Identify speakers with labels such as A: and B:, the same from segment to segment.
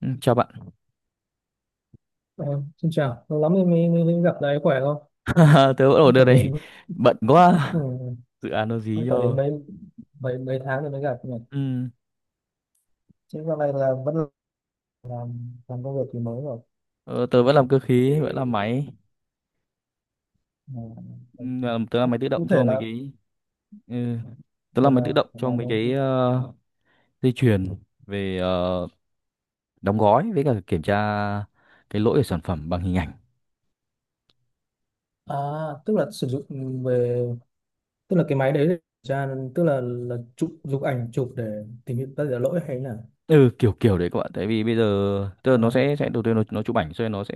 A: Ừ, chào bạn.
B: Ờ, xin chào, lâu lắm mới, mới, mới mới gặp đấy, khỏe không?
A: Tớ
B: Cũng
A: vẫn ở
B: phải đến
A: đây. Bận quá,
B: ừ,
A: dự án nó
B: cũng
A: dí
B: phải đến
A: cho.
B: mấy mấy mấy tháng rồi mới gặp nhỉ.
A: Ừ.
B: Chứ dạo này là vẫn làm công việc thì mới rồi.
A: ờ, Tớ vẫn làm cơ khí, vẫn làm máy. Tớ làm
B: Ờ,
A: máy tự động
B: cụ thể
A: cho mấy
B: là
A: cái. Ừ. Tớ
B: gọi
A: làm máy
B: là
A: tự động cho
B: là
A: mấy cái
B: nó-
A: dây chuyền về đóng gói với cả kiểm tra cái lỗi của sản phẩm bằng hình ảnh.
B: à tức là sử dụng về, tức là cái máy đấy để kiểm tra, tức là chụp chụp ảnh chụp để tìm hiểu các cái lỗi hay là
A: Ừ, kiểu kiểu đấy các bạn. Tại vì bây giờ tức là nó
B: à,
A: sẽ sẽ đầu tiên nó chụp ảnh rồi nó sẽ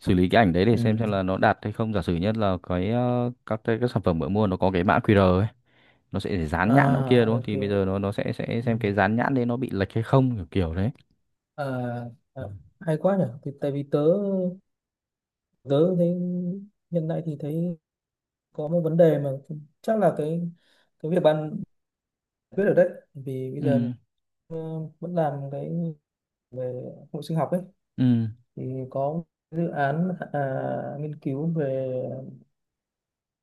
A: xử lý cái ảnh đấy để xem
B: ừ.
A: xem là nó đạt hay không. Giả sử nhất là cái các sản phẩm mới mua nó có cái mã QR ấy, nó sẽ dán
B: À,
A: nhãn nữa kia đúng không.
B: ok.
A: Thì bây giờ nó sẽ
B: Ừ.
A: xem cái dán nhãn đấy nó bị lệch hay không, kiểu kiểu đấy.
B: À, à,
A: Ừ.
B: hay quá nhỉ, thì tại vì tớ tớ thấy hiện tại thì thấy có một vấn đề mà chắc là cái việc bạn giải quyết được đấy. Vì bây
A: Ừ.
B: giờ ờ, vẫn làm cái về hội sinh học ấy,
A: Ừ.
B: thì có dự án à, nghiên cứu về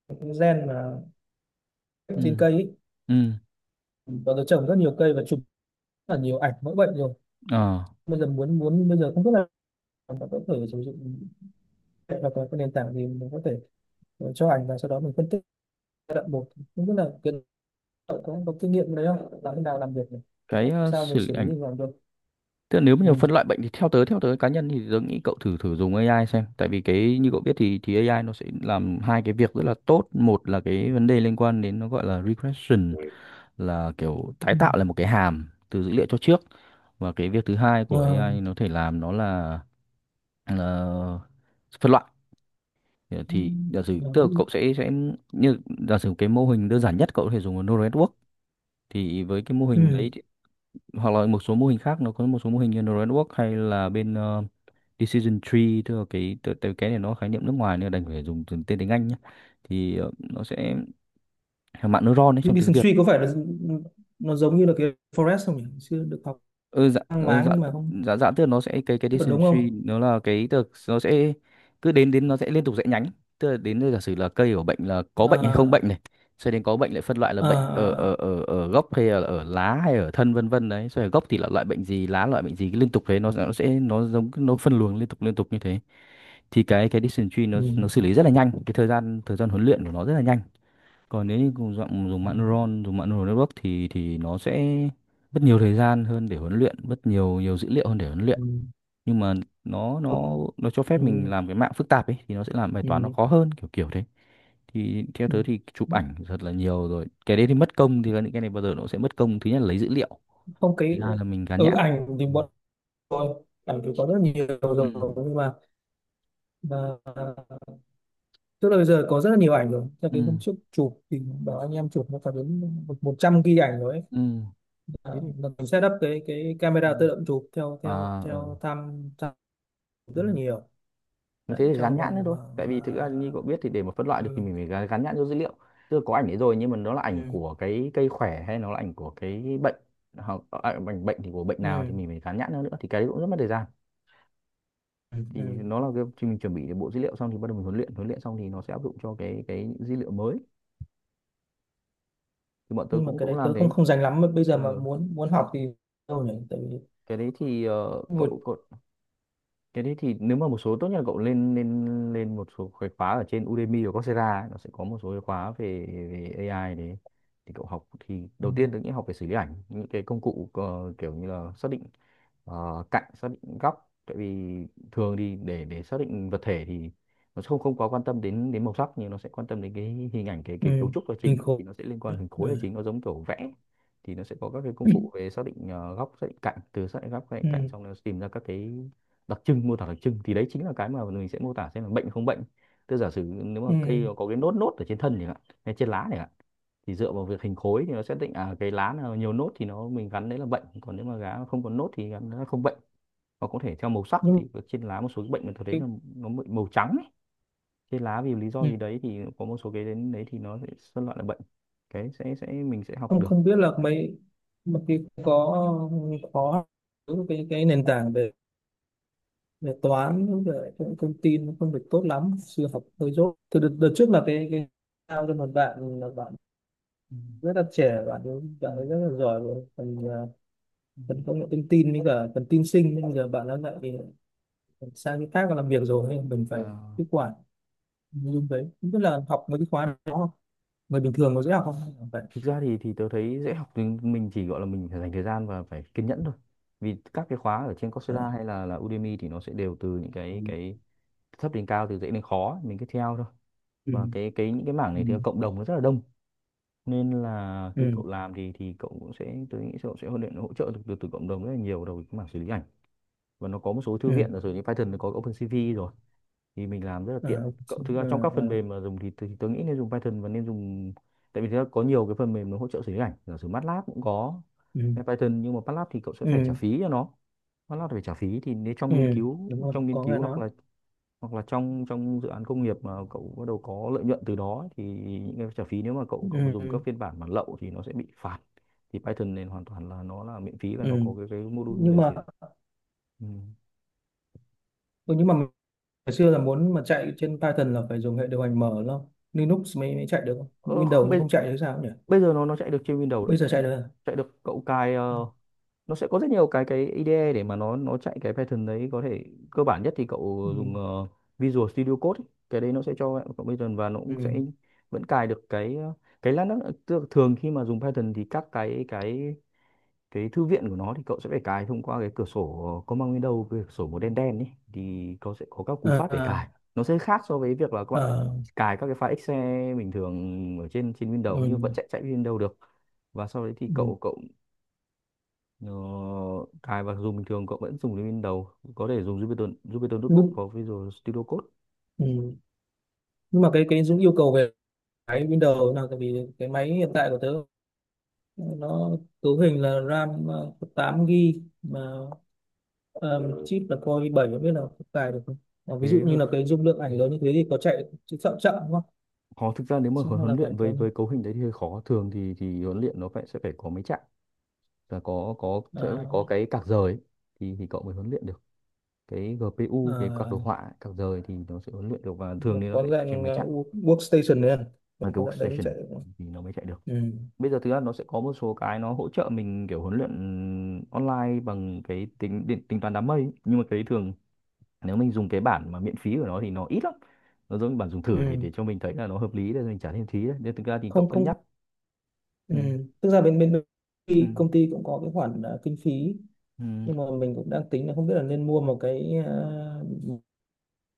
B: cái gen mà
A: Ừ.
B: trên cây ấy,
A: Ừ.
B: và tôi trồng rất nhiều cây và chụp rất là nhiều ảnh mẫu bệnh rồi.
A: Ờ.
B: Bây giờ muốn muốn bây giờ không biết là bạn có thể sử dụng hoặc là cái nền tảng gì mình có thể cho ảnh và sau đó mình phân tích giai đoạn một, không biết là kiến có có kinh nghiệm đấy không, làm thế nào làm việc này,
A: Cái
B: sao mình
A: xử lý
B: xử lý
A: ảnh,
B: như làm được.
A: tức là nếu mà phân loại bệnh thì theo tớ cá nhân thì tớ nghĩ cậu thử thử dùng AI xem. Tại vì cái như cậu biết thì AI nó sẽ làm hai cái việc rất là tốt. Một là cái vấn đề liên quan đến nó gọi là regression,
B: Ừ.
A: là kiểu tái
B: Ừ.
A: tạo lại một cái hàm từ dữ liệu cho trước. Và cái việc thứ hai của
B: Ờ.
A: AI nó thể làm nó là phân loại. Ờ,
B: Ừ.
A: thì giả sử tức là cậu sẽ như giả sử cái mô hình đơn giản nhất cậu có thể dùng là neural network, thì với cái mô hình
B: Ừ.
A: đấy hoặc là một số mô hình khác, nó có một số mô hình như neural network hay là bên decision tree. Tức cái này nó khái niệm nước ngoài nên là đành phải dùng tên tiếng Anh nhé. Thì nó sẽ mạng neuron ấy
B: Đi,
A: trong
B: đi
A: tiếng Việt.
B: Suy có phải là nó giống như là cái Forest không nhỉ? Chưa được học,
A: ừ, dạ,
B: mang
A: ừ, dạ,
B: máng nhưng mà không
A: dạ, dạ tức là nó sẽ cái
B: tức là
A: decision
B: đúng
A: tree
B: không?
A: nó là cái tức là nó sẽ cứ đến đến nó sẽ liên tục rẽ nhánh. Tức là đến đây giả sử là cây của bệnh là có bệnh hay không
B: À,
A: bệnh này, sau đến có bệnh lại phân loại là
B: à,
A: bệnh ở ở
B: à.
A: ở ở gốc hay là ở lá hay ở thân vân vân đấy. Sau ở gốc thì là loại bệnh gì, lá loại bệnh gì, cứ liên tục thế. Nó giống nó phân luồng liên tục như thế. Thì cái decision tree nó
B: Ừ.
A: xử lý rất là nhanh, cái thời gian huấn luyện của nó rất là nhanh. Còn nếu như cùng dùng dùng mạng
B: Ừ.
A: neuron, dùng mạng neural network thì nó sẽ mất nhiều thời gian hơn để huấn luyện, mất nhiều nhiều dữ liệu hơn để huấn luyện. Nhưng mà nó
B: Ừ.
A: nó nó cho phép mình
B: Ừ.
A: làm cái mạng phức tạp ấy, thì nó sẽ làm bài toán nó khó hơn, kiểu kiểu thế. Thì theo
B: Ừ.
A: tớ thì chụp
B: Ừ.
A: ảnh thật là nhiều rồi cái đấy thì mất công. Thì những cái này bao giờ nó sẽ mất công, thứ nhất là lấy dữ liệu,
B: Không cái
A: thứ hai là mình gán nhãn.
B: ảnh thì
A: Ừ.
B: bọn tôi, ảnh thì có rất nhiều rồi
A: Ừ.
B: nhưng mà tức là bây giờ có rất là nhiều ảnh rồi. Cho
A: Ừ.
B: cái hôm trước chụp thì bảo anh em chụp nó phải đến 100 GB ảnh rồi ấy.
A: Ừ.
B: À,
A: Thế thì
B: mình setup cái
A: ừ.
B: camera tự động chụp theo theo
A: À ừ.
B: theo tham tham
A: Ừ.
B: rất là nhiều
A: Thế
B: đấy,
A: thì gắn
B: trong
A: nhãn nữa
B: vòng
A: thôi.
B: khoảng
A: Tại
B: à,
A: vì thực ra như cậu biết thì để mà phân loại được thì
B: ừ,
A: mình phải gắn nhãn vô dữ liệu, tức là có ảnh đấy rồi nhưng mà nó là ảnh
B: ừ,
A: của cái cây khỏe hay nó là ảnh của cái bệnh, hoặc ảnh bệnh thì của bệnh nào thì
B: ừ,
A: mình phải gắn nhãn nó nữa, thì cái đấy cũng rất mất thời gian.
B: ừ,
A: Thì
B: ừ.
A: nó là cái khi mình chuẩn bị được bộ dữ liệu xong thì bắt đầu mình huấn luyện, huấn luyện xong thì nó sẽ áp dụng cho cái dữ liệu mới. Thì bọn tớ
B: Nhưng mà
A: cũng
B: cái
A: cũng
B: đấy
A: làm
B: tớ không
A: thế.
B: không dành lắm, bây giờ mà
A: Ừ.
B: muốn muốn học thì đâu nhỉ, tại vì
A: Cái đấy thì
B: một
A: cậu cái đấy thì nếu mà một số tốt nhất là cậu lên lên lên một số cái khóa ở trên Udemy hoặc Coursera ấy, nó sẽ có một số cái khóa về về AI đấy. Thì cậu học thì
B: ừ,
A: đầu tiên tôi nghĩ học về xử lý ảnh, những cái công cụ kiểu như là xác định cạnh, xác định góc. Tại vì thường thì để xác định vật thể thì nó sẽ không không quá quan tâm đến đến màu sắc nhưng nó sẽ quan tâm đến cái hình ảnh,
B: ừ,
A: cái cấu trúc là
B: hình
A: chính.
B: khối,
A: Thì nó sẽ liên quan hình khối
B: ừ,
A: là chính, nó giống kiểu vẽ. Thì nó sẽ có các cái công cụ về xác định góc, xác định cạnh. Xác định góc, xác định cạnh
B: ừ,
A: xong nó tìm ra các cái đặc trưng, mô tả đặc trưng. Thì đấy chính là cái mà mình sẽ mô tả xem là bệnh không bệnh. Tức giả sử nếu mà
B: ừ.
A: cây nó có cái nốt nốt ở trên thân thì hạn, hay trên lá này, thì dựa vào việc hình khối thì nó sẽ định à cái lá nào nhiều nốt thì mình gắn đấy là bệnh, còn nếu mà lá không có nốt thì gắn nó không bệnh. Hoặc có thể theo màu sắc
B: Nhưng mà
A: thì trên lá một số cái bệnh mình thấy
B: cái
A: là nó bị màu trắng ấy, trên lá vì lý do
B: ừ,
A: gì đấy, thì có một số cái đến đấy thì nó sẽ phân loại là bệnh. Cái sẽ mình sẽ học
B: không
A: được.
B: không biết là mấy mà cái có khó, cái nền tảng về về toán cũng về cũng thông tin nó không được tốt lắm, sư học hơi dốt. Từ đợt trước là cái giao cho một bạn, là bạn
A: Ừ,
B: rất là trẻ,
A: ừ,
B: bạn ấy rất là giỏi về phần à,
A: ừ.
B: phần công nghệ thông tin với cả phần tin sinh, nhưng bây giờ bạn ấy lại sang cái khác và làm việc rồi nên mình
A: Ờ,
B: phải tiếp quản nội dung đấy. Không biết là học mấy cái khóa đó không? Người bình thường có dễ học không, hay là phải
A: thực ra thì tớ thấy dễ học. Thì mình chỉ gọi là mình phải dành thời gian và phải kiên nhẫn thôi. Vì các cái khóa ở trên
B: ờ,
A: Coursera hay là Udemy thì nó sẽ đều từ những
B: ừ,
A: cái thấp đến cao, từ dễ đến khó, mình cứ theo thôi.
B: ừ,
A: Và cái những cái mảng này thì cộng đồng nó rất là đông, nên là khi
B: ừ,
A: cậu làm thì cậu cũng sẽ, tôi nghĩ cậu sẽ hỗ trợ được từ cộng đồng rất là nhiều đầu cái mảng xử lý ảnh. Và nó có một số thư
B: ừ,
A: viện là sử dụng Python, nó có OpenCV rồi thì mình làm rất là tiện.
B: ờ,
A: Cậu thực ra
B: ờ,
A: trong các phần
B: ờ,
A: mềm mà dùng thì tôi nghĩ nên dùng Python và nên dùng. Tại vì thực có nhiều cái phần mềm nó hỗ trợ xử lý ảnh, giả sử MATLAB cũng có
B: ừ,
A: Python, nhưng mà MATLAB thì cậu sẽ phải trả
B: ừ,
A: phí cho nó. MATLAB phải trả phí, thì nếu
B: ừ,
A: trong nghiên cứu,
B: đúng rồi, có người
A: hoặc
B: nói
A: là trong trong dự án công nghiệp mà cậu bắt đầu có lợi nhuận từ đó ấy, thì những cái trả phí nếu mà cậu cậu
B: ừ,
A: dùng các
B: ừ,
A: phiên bản bản lậu thì nó sẽ bị phạt. Thì Python này hoàn toàn là nó là miễn phí và nó
B: ừ,
A: có cái module
B: nhưng
A: về
B: mà
A: xử lý. Ừ.
B: ừ, nhưng mà mình- ngày xưa là muốn mà chạy trên Python là phải dùng hệ điều hành mở lắm, Linux mới, mới chạy được không?
A: ờ,
B: Windows
A: không
B: nhưng
A: bây,
B: không chạy thì sao nhỉ?
A: Bây giờ nó chạy được trên Windows
B: Bây giờ chạy
A: đấy.
B: được à?
A: Chạy được, cậu cài
B: À,
A: nó sẽ có rất nhiều cái IDE để mà nó chạy cái Python đấy. Có thể cơ bản nhất thì
B: ừ.
A: cậu dùng Visual Studio Code ấy. Cái đấy nó sẽ cho cậu Python và nó cũng sẽ
B: Ừ.
A: vẫn cài được cái cái lát nữa, tức là thường khi mà dùng Python thì các cái thư viện của nó thì cậu sẽ phải cài thông qua cái cửa sổ command window, cái cửa sổ màu đen đen ấy. Thì cậu sẽ có các cú
B: À,
A: pháp để
B: à,
A: cài, nó sẽ khác so với việc là các bạn
B: à,
A: cài các cái file Excel bình thường ở trên trên Windows,
B: ừ.
A: nhưng vẫn chạy chạy Windows được. Và sau đấy thì
B: Ừ.
A: cậu cậu ờ, cài và dùng bình thường, cậu vẫn dùng đến Windows, có thể dùng Jupyter Jupyter Notebook
B: Nhưng,
A: và Visual Studio Code.
B: ừ. Nhưng mà cái Dũng yêu cầu về cái Windows là tại vì cái máy hiện tại của tớ, nó cấu hình là RAM 8 GB mà ờ, chip là Core i7, không biết là có cài được không. Ờ, ví dụ
A: Thế
B: như
A: hơi
B: là cái dung lượng ảnh lớn như thế thì có chạy chậm chậm đúng không?
A: khó, thực ra nếu mà
B: Xong
A: huấn
B: hay
A: huấn
B: là phải
A: luyện
B: có
A: với cấu hình đấy thì hơi khó. Thường thì huấn luyện nó sẽ phải có mấy chặng và có sẽ phải
B: ờ,
A: có cái cạc rời ấy, thì cậu mới huấn luyện được. Cái GPU, cái card
B: ờ,
A: đồ họa ấy, card rời thì nó sẽ huấn luyện được. Và thường thì nó
B: có
A: sẽ chạy trên
B: dạng
A: máy
B: ờ,
A: chạy
B: workstation đấy à,
A: ở cái
B: có dạng đấy mới
A: workstation
B: chạy được.
A: thì nó mới chạy được.
B: Ừ.
A: Bây giờ thứ ra nó sẽ có một số cái nó hỗ trợ mình kiểu huấn luyện online bằng cái tính toán đám mây ấy. Nhưng mà cái đấy thường nếu mình dùng cái bản mà miễn phí của nó thì nó ít lắm. Nó giống như bản dùng thử để
B: Ừ.
A: để cho mình thấy là nó hợp lý để mình trả thêm phí đấy, nên thực ra thì cậu
B: Không
A: cân
B: không,
A: nhắc.
B: ừ.
A: Ừ,
B: Tức ra bên bên bên
A: ừ,
B: công ty cũng có cái khoản kinh phí,
A: ừ,
B: nhưng mà mình cũng đang tính là không biết là nên mua một cái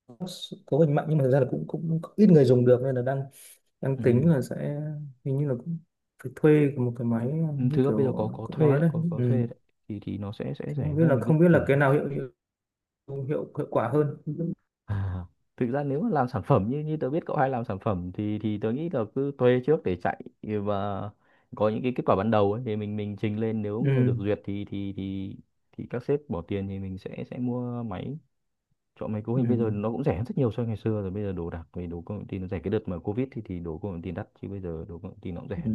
B: box cấu hình mạnh, nhưng mà thực ra là cũng cũng ít người dùng được nên là đang
A: ừ.
B: đang tính là sẽ, hình như là cũng phải thuê một cái máy
A: Ừ,
B: như
A: thực ra bây giờ có
B: kiểu
A: có
B: cậu
A: thuê
B: nói
A: đấy,
B: đấy.
A: có
B: Ừ.
A: thuê đấy. Thì nó sẽ
B: Thì
A: rẻ
B: không biết
A: với
B: là
A: mình, cái
B: không biết là
A: thử
B: cái
A: thôi.
B: nào hiệu quả hơn.
A: À, thực ra nếu mà làm sản phẩm, như như tớ biết cậu hay làm sản phẩm, thì tớ nghĩ là cứ thuê trước để chạy và có những cái kết quả ban đầu ấy, thì mình trình lên. Nếu như được
B: Ừ.
A: duyệt thì các sếp bỏ tiền thì mình sẽ mua máy, chọn máy. Cấu
B: Ừ.
A: hình bây giờ nó cũng rẻ hơn rất nhiều so với ngày xưa rồi. Bây giờ đồ đạc về đồ công nghệ tin nó rẻ. Cái đợt mà covid thì đồ công nghệ tin đắt, chứ bây giờ đồ công nghệ tin nó cũng
B: Ừ.
A: rẻ.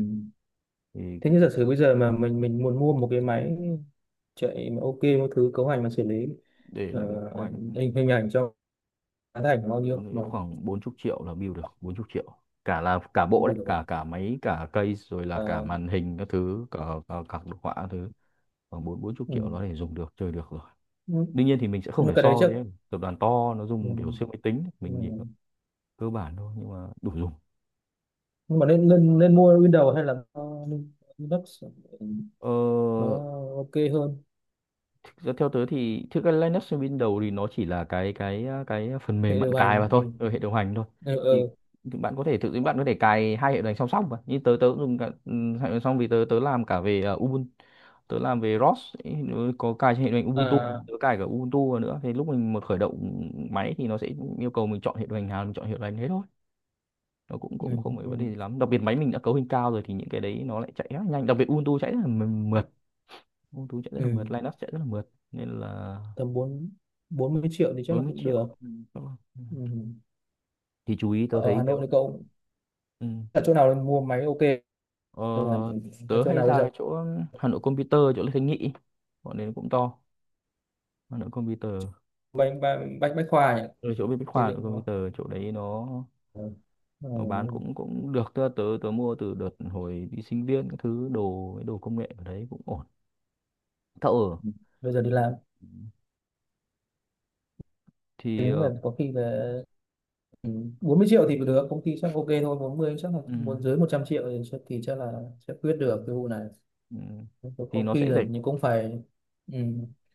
A: thì
B: Thế
A: cái-
B: nhưng giả sử bây giờ mà mình muốn mua một cái máy chạy mà ok, một thứ cấu hành mà xử lý
A: để lại
B: ờ,
A: quanh,
B: hình hình ảnh cho tán thành bao
A: tôi
B: nhiêu
A: nghĩ
B: mà
A: khoảng 40 triệu là build được. 40 triệu cả, là cả
B: cũng
A: bộ đấy,
B: đủ
A: cả
B: được.
A: cả máy, cả case, rồi là cả
B: Ờ,
A: màn hình các thứ, cả cả, cả đồ họa các thứ. Khoảng bốn bốn chục
B: ừ.
A: triệu nó để dùng được, chơi được rồi.
B: Ừ.
A: Đương nhiên thì mình sẽ
B: Nhưng
A: không
B: mà
A: thể
B: cái đấy
A: so
B: chắc
A: với tập đoàn to nó
B: ừ.
A: dùng kiểu siêu máy tính,
B: Ừ.
A: mình chỉ cơ bản thôi nhưng mà đủ dùng.
B: Nhưng mà nên nên nên mua Windows hay là mua Linux. Ừ.
A: ờ,
B: Nó ok hơn
A: Thực ra theo tớ thì thực ra Linux trên Windows thì nó chỉ là cái phần
B: hệ
A: mềm bạn
B: điều
A: cài vào
B: hành, ừ.
A: thôi, ở hệ điều hành thôi.
B: Ừ.
A: Thì
B: Ừ.
A: thì bạn có thể tự bạn có thể cài hai hệ điều hành song song mà. Như tớ tớ cũng dùng cả, hệ điều hành song, vì tớ tớ làm cả về Ubuntu, tớ làm về ROS ấy, nó có cài trên hệ điều hành Ubuntu,
B: À,
A: tớ cài cả Ubuntu vào nữa. Thì lúc mình một khởi động máy thì nó sẽ yêu cầu mình chọn hệ điều hành nào, mình chọn hệ điều hành thế thôi. Nó cũng cũng
B: ừ.
A: không phải
B: Ừ.
A: vấn đề gì lắm. Đặc biệt máy mình đã cấu hình cao rồi thì những cái đấy nó lại chạy rất nhanh. Đặc biệt Ubuntu chạy rất là mượt. Ubuntu chạy rất là
B: Ừ.
A: mượt, Linux chạy rất là mượt, nên là
B: Tầm bốn 40 triệu thì chắc là
A: bốn mươi
B: cũng
A: triệu
B: được.
A: Ừ, các bạn. Ừ.
B: Ừ.
A: Thì chú ý tớ
B: Ở ở
A: thấy
B: Hà Nội
A: nếu,
B: thì cậu
A: ừ,
B: ở chỗ nào mua máy ok,
A: ờ,
B: là là
A: tớ
B: chỗ
A: hay
B: nào bây
A: ra
B: giờ?
A: cái chỗ Hà Nội Computer chỗ Lê Thanh Nghị, bọn đấy cũng to. Hà Nội Computer
B: Bách bách bách khoa nhỉ,
A: ở chỗ bên Bách Khoa,
B: xây
A: Hà Nội
B: dựng nó.
A: Computer chỗ đấy, nó
B: Ờ, ờ,
A: nó bán cũng cũng được. Tớ tớ, tớ mua từ đợt hồi đi sinh viên các thứ, đồ đồ công nghệ ở đấy cũng ổn. Thợ
B: bây giờ đi làm,
A: thì
B: tính là có khi về, ừ, 40 triệu thì được, công ty chắc ok thôi, 40 chắc là
A: ừ,
B: muốn dưới 100 triệu thì chắc là sẽ quyết
A: ừ,
B: được cái vụ này.
A: ừ,
B: có
A: thì
B: có khi là nhưng cũng phải ừ,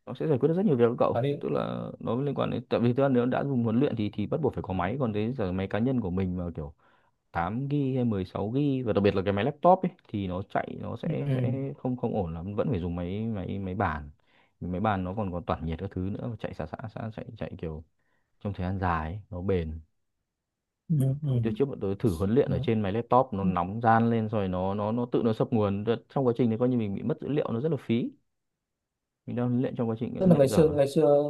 A: nó sẽ giải quyết được rất nhiều việc cho cậu,
B: phải đi
A: tức là nó liên quan đến, tại vì tớ nếu đã dùng huấn luyện thì bắt buộc phải có máy. Còn đấy giờ máy cá nhân của mình mà kiểu 8 GB hay 16 GB và đặc biệt là cái máy laptop ấy thì nó chạy, nó sẽ
B: ừ,
A: sẽ không không ổn lắm, vẫn phải dùng máy máy máy bàn. Vì máy bàn nó còn còn tản nhiệt các thứ nữa, chạy xả xả xả chạy chạy kiểu trong thời gian dài ấy, nó bền.
B: ừ, ừ, ừ.
A: Trước trước bọn tôi thử huấn luyện ở
B: Đó.
A: trên máy laptop, nó nóng ran lên rồi nó tự nó sập nguồn. Trong quá trình đấy coi như mình bị mất dữ liệu, nó rất là phí. Mình đang huấn luyện, trong quá trình
B: Tức
A: huấn
B: là
A: luyện
B: ngày xưa
A: dở.
B: ngày xưa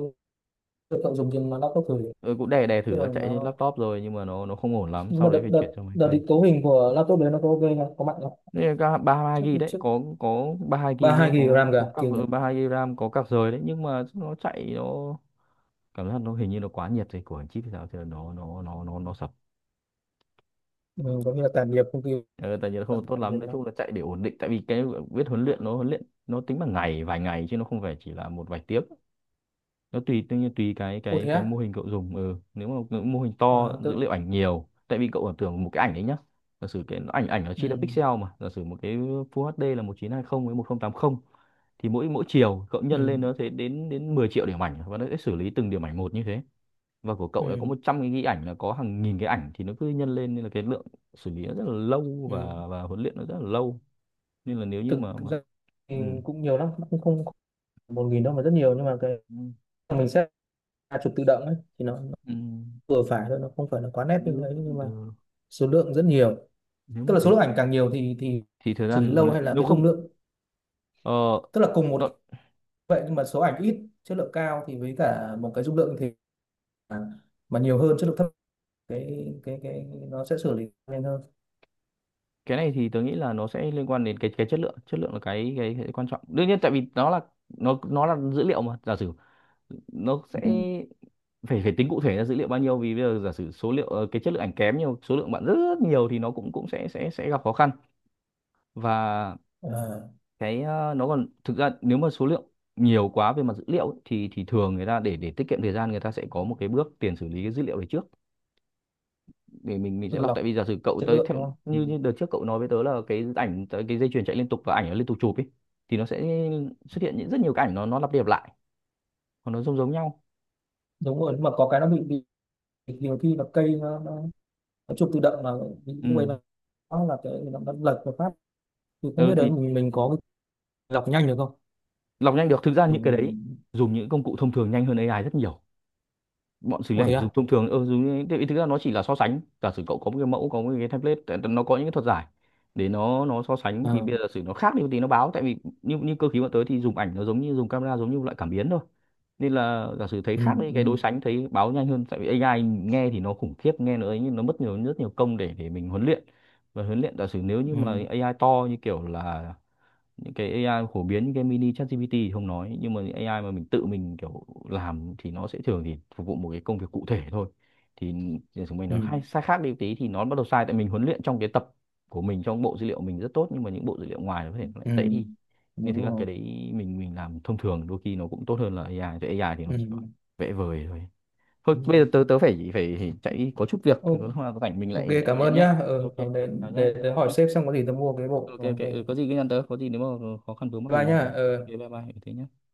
B: tôi cậu dùng trên laptop thử,
A: Ừ, cũng đè đè thử
B: tức là
A: nó chạy trên
B: nó,
A: laptop rồi, nhưng mà nó không ổn lắm,
B: nhưng mà
A: sau đấy
B: đợt
A: phải chuyển
B: đợt
A: sang máy
B: đợt
A: cây.
B: định cấu hình của laptop đấy nó có ok không, có mạnh không?
A: Đây là ba hai
B: Chắc
A: ghi đấy,
B: chắc
A: có 32 GB, nhưng
B: ba hai gb
A: có
B: ram
A: có
B: cả
A: các,
B: kinh nhỉ.
A: 32 GB ram, có các rời đấy, nhưng mà nó chạy, nó cảm giác nó hình như nó quá nhiệt rồi, của anh chip thì sao thì nó sập.
B: Ừ, có nghĩa là tản nhiệt công ty,
A: Ừ, tại vì nó
B: tản
A: không tốt
B: tản
A: lắm,
B: nhiệt
A: nói
B: nó.
A: chung là chạy để ổn định, tại vì cái viết huấn luyện nó huấn luyện, nó tính bằng ngày, vài ngày, chứ nó không phải chỉ là một vài tiếng. Nó tùy, tự nhiên tùy cái
B: Ô
A: cái
B: thế
A: cái
B: á,
A: mô hình cậu dùng. Ừ. Nếu mà cậu mô hình to,
B: à, tôi
A: dữ liệu ảnh nhiều, tại vì cậu tưởng tượng một cái ảnh đấy nhá, giả sử cái ảnh ảnh nó
B: ừ,
A: chia ra pixel, mà giả sử một cái Full HD là 1920 với 1080, thì mỗi mỗi chiều cậu
B: ừ,
A: nhân lên nó sẽ đến đến 10 triệu điểm ảnh, và nó sẽ xử lý từng điểm ảnh một như thế. Và của cậu đã có
B: ừ,
A: 100 cái ghi ảnh là có hàng nghìn cái ảnh, thì nó cứ nhân lên nên là cái lượng xử lý nó rất là lâu,
B: ừ,
A: và huấn luyện nó rất là lâu, nên là nếu như
B: thực
A: mà
B: thực
A: mà
B: ra thì
A: ừ.
B: cũng nhiều lắm, cũng không không phải 1.000 đâu mà rất nhiều, nhưng mà cái
A: Ừ.
B: mình sẽ là chụp tự động ấy thì nó
A: Ừ.
B: vừa phải thôi, nó không phải là quá nét như
A: Nếu,
B: đấy, nhưng mà
A: ừ.
B: số lượng rất nhiều.
A: Nếu
B: Tức
A: mà
B: là số
A: thế
B: lượng
A: thì
B: ảnh càng nhiều thì
A: thì thời
B: xử lý
A: gian huấn
B: lâu
A: luyện
B: hay là
A: nếu
B: cái dung
A: không,
B: lượng,
A: ờ,
B: tức là cùng một
A: nó,
B: cái vậy, nhưng mà số ảnh ít chất lượng cao thì với cả một cái dung lượng thì mà, mà nhiều hơn chất lượng thấp, cái nó sẽ xử lý nhanh hơn.
A: cái này thì tớ nghĩ là nó sẽ liên quan đến cái chất lượng. Chất lượng là cái quan trọng đương nhiên, tại vì nó là, nó là dữ liệu mà giả sử nó sẽ
B: Ừ.
A: phải phải tính cụ thể là dữ liệu bao nhiêu. Vì bây giờ giả sử số liệu, cái chất lượng ảnh kém, nhiều số lượng bạn rất, rất nhiều thì nó cũng cũng sẽ gặp khó khăn. Và
B: Ờ,
A: cái nó còn, thực ra nếu mà số lượng nhiều quá về mặt dữ liệu ấy thì thường người ta, để tiết kiệm thời gian, người ta sẽ có một cái bước tiền xử lý cái dữ liệu đấy trước, để mình
B: tức
A: sẽ
B: là
A: lọc.
B: lọc
A: Tại vì giả sử cậu
B: chất
A: tới
B: lượng
A: theo
B: đúng không, ừ.
A: như như đợt trước cậu nói với tớ là cái ảnh tới cái dây chuyền chạy liên tục và ảnh nó liên tục chụp ấy, thì nó sẽ xuất hiện những rất nhiều cái ảnh, nó lặp đi lặp lại hoặc nó giống giống nhau.
B: Đúng rồi, nhưng mà có cái nó bị bị nhiều khi là cây nó chụp tự động mà, lúc ấy
A: Ừ.
B: nó là cái nó lật một phát, thì không
A: Ừ
B: biết đấy
A: thì
B: mình có cái đọc nhanh được không.
A: lọc nhanh được. Thực ra những cái đấy dùng những công cụ thông thường nhanh hơn AI rất nhiều. Bọn xử lý
B: Ủa
A: ảnh
B: thế
A: dùng
B: à?
A: thông thường, ừ, dùng thì thực ra nó chỉ là so sánh, giả sử cậu có một cái mẫu, có một cái template, nó có những cái thuật giải để nó so sánh, thì
B: Ờ,
A: bây giờ giả sử nó khác đi một tí nó báo. Tại vì như như cơ khí bọn tới thì dùng ảnh nó giống như dùng camera, giống như loại cảm biến thôi, nên là giả sử thấy
B: ừ,
A: khác với
B: ừ,
A: cái đối sánh thấy báo nhanh hơn. Tại vì AI nghe thì nó khủng khiếp, nghe nó ấy, nhưng nó mất nhiều, rất nhiều công để mình huấn luyện. Và huấn luyện, giả sử nếu như
B: ừ,
A: mà AI to như kiểu là những cái AI phổ biến, cái mini ChatGPT thì không nói, nhưng mà những AI mà mình tự mình kiểu làm thì nó sẽ thường thì phục vụ một cái công việc cụ thể thôi, thì thì chúng mình nó
B: ừ,
A: hay sai, khác đi một tí thì nó bắt đầu sai. Tại mình huấn luyện trong cái tập của mình, trong bộ dữ liệu mình rất tốt, nhưng mà những bộ dữ liệu ngoài nó có thể nó lại
B: ừ,
A: tệ đi. Nên
B: đúng
A: thực ra cái
B: rồi,
A: đấy mình làm thông thường đôi khi nó cũng tốt hơn là AI. Tại AI thì nó
B: ừ,
A: chỉ có vẽ vời thôi. Thôi
B: ừ.
A: bây giờ tớ tớ phải phải chạy có chút việc, thì có
B: Ô-
A: lúc nào có rảnh mình
B: ok,
A: lại
B: cảm
A: gọi điện
B: ơn
A: nhá.
B: nhá, ờ,
A: Ok.
B: ừ,
A: Ừ, chào nhá, bye
B: để
A: bye
B: hỏi
A: nhá.
B: sếp xem, có gì tớ mua cái bộ
A: Ok, ok.
B: ok.
A: Ừ, có gì cứ nhắn tớ, có gì nếu mà khó khăn vướng mắc gì
B: Bye
A: nhắn
B: nhá,
A: tớ. Ok,
B: ờ.
A: bye bye. Ừ, thế nhá.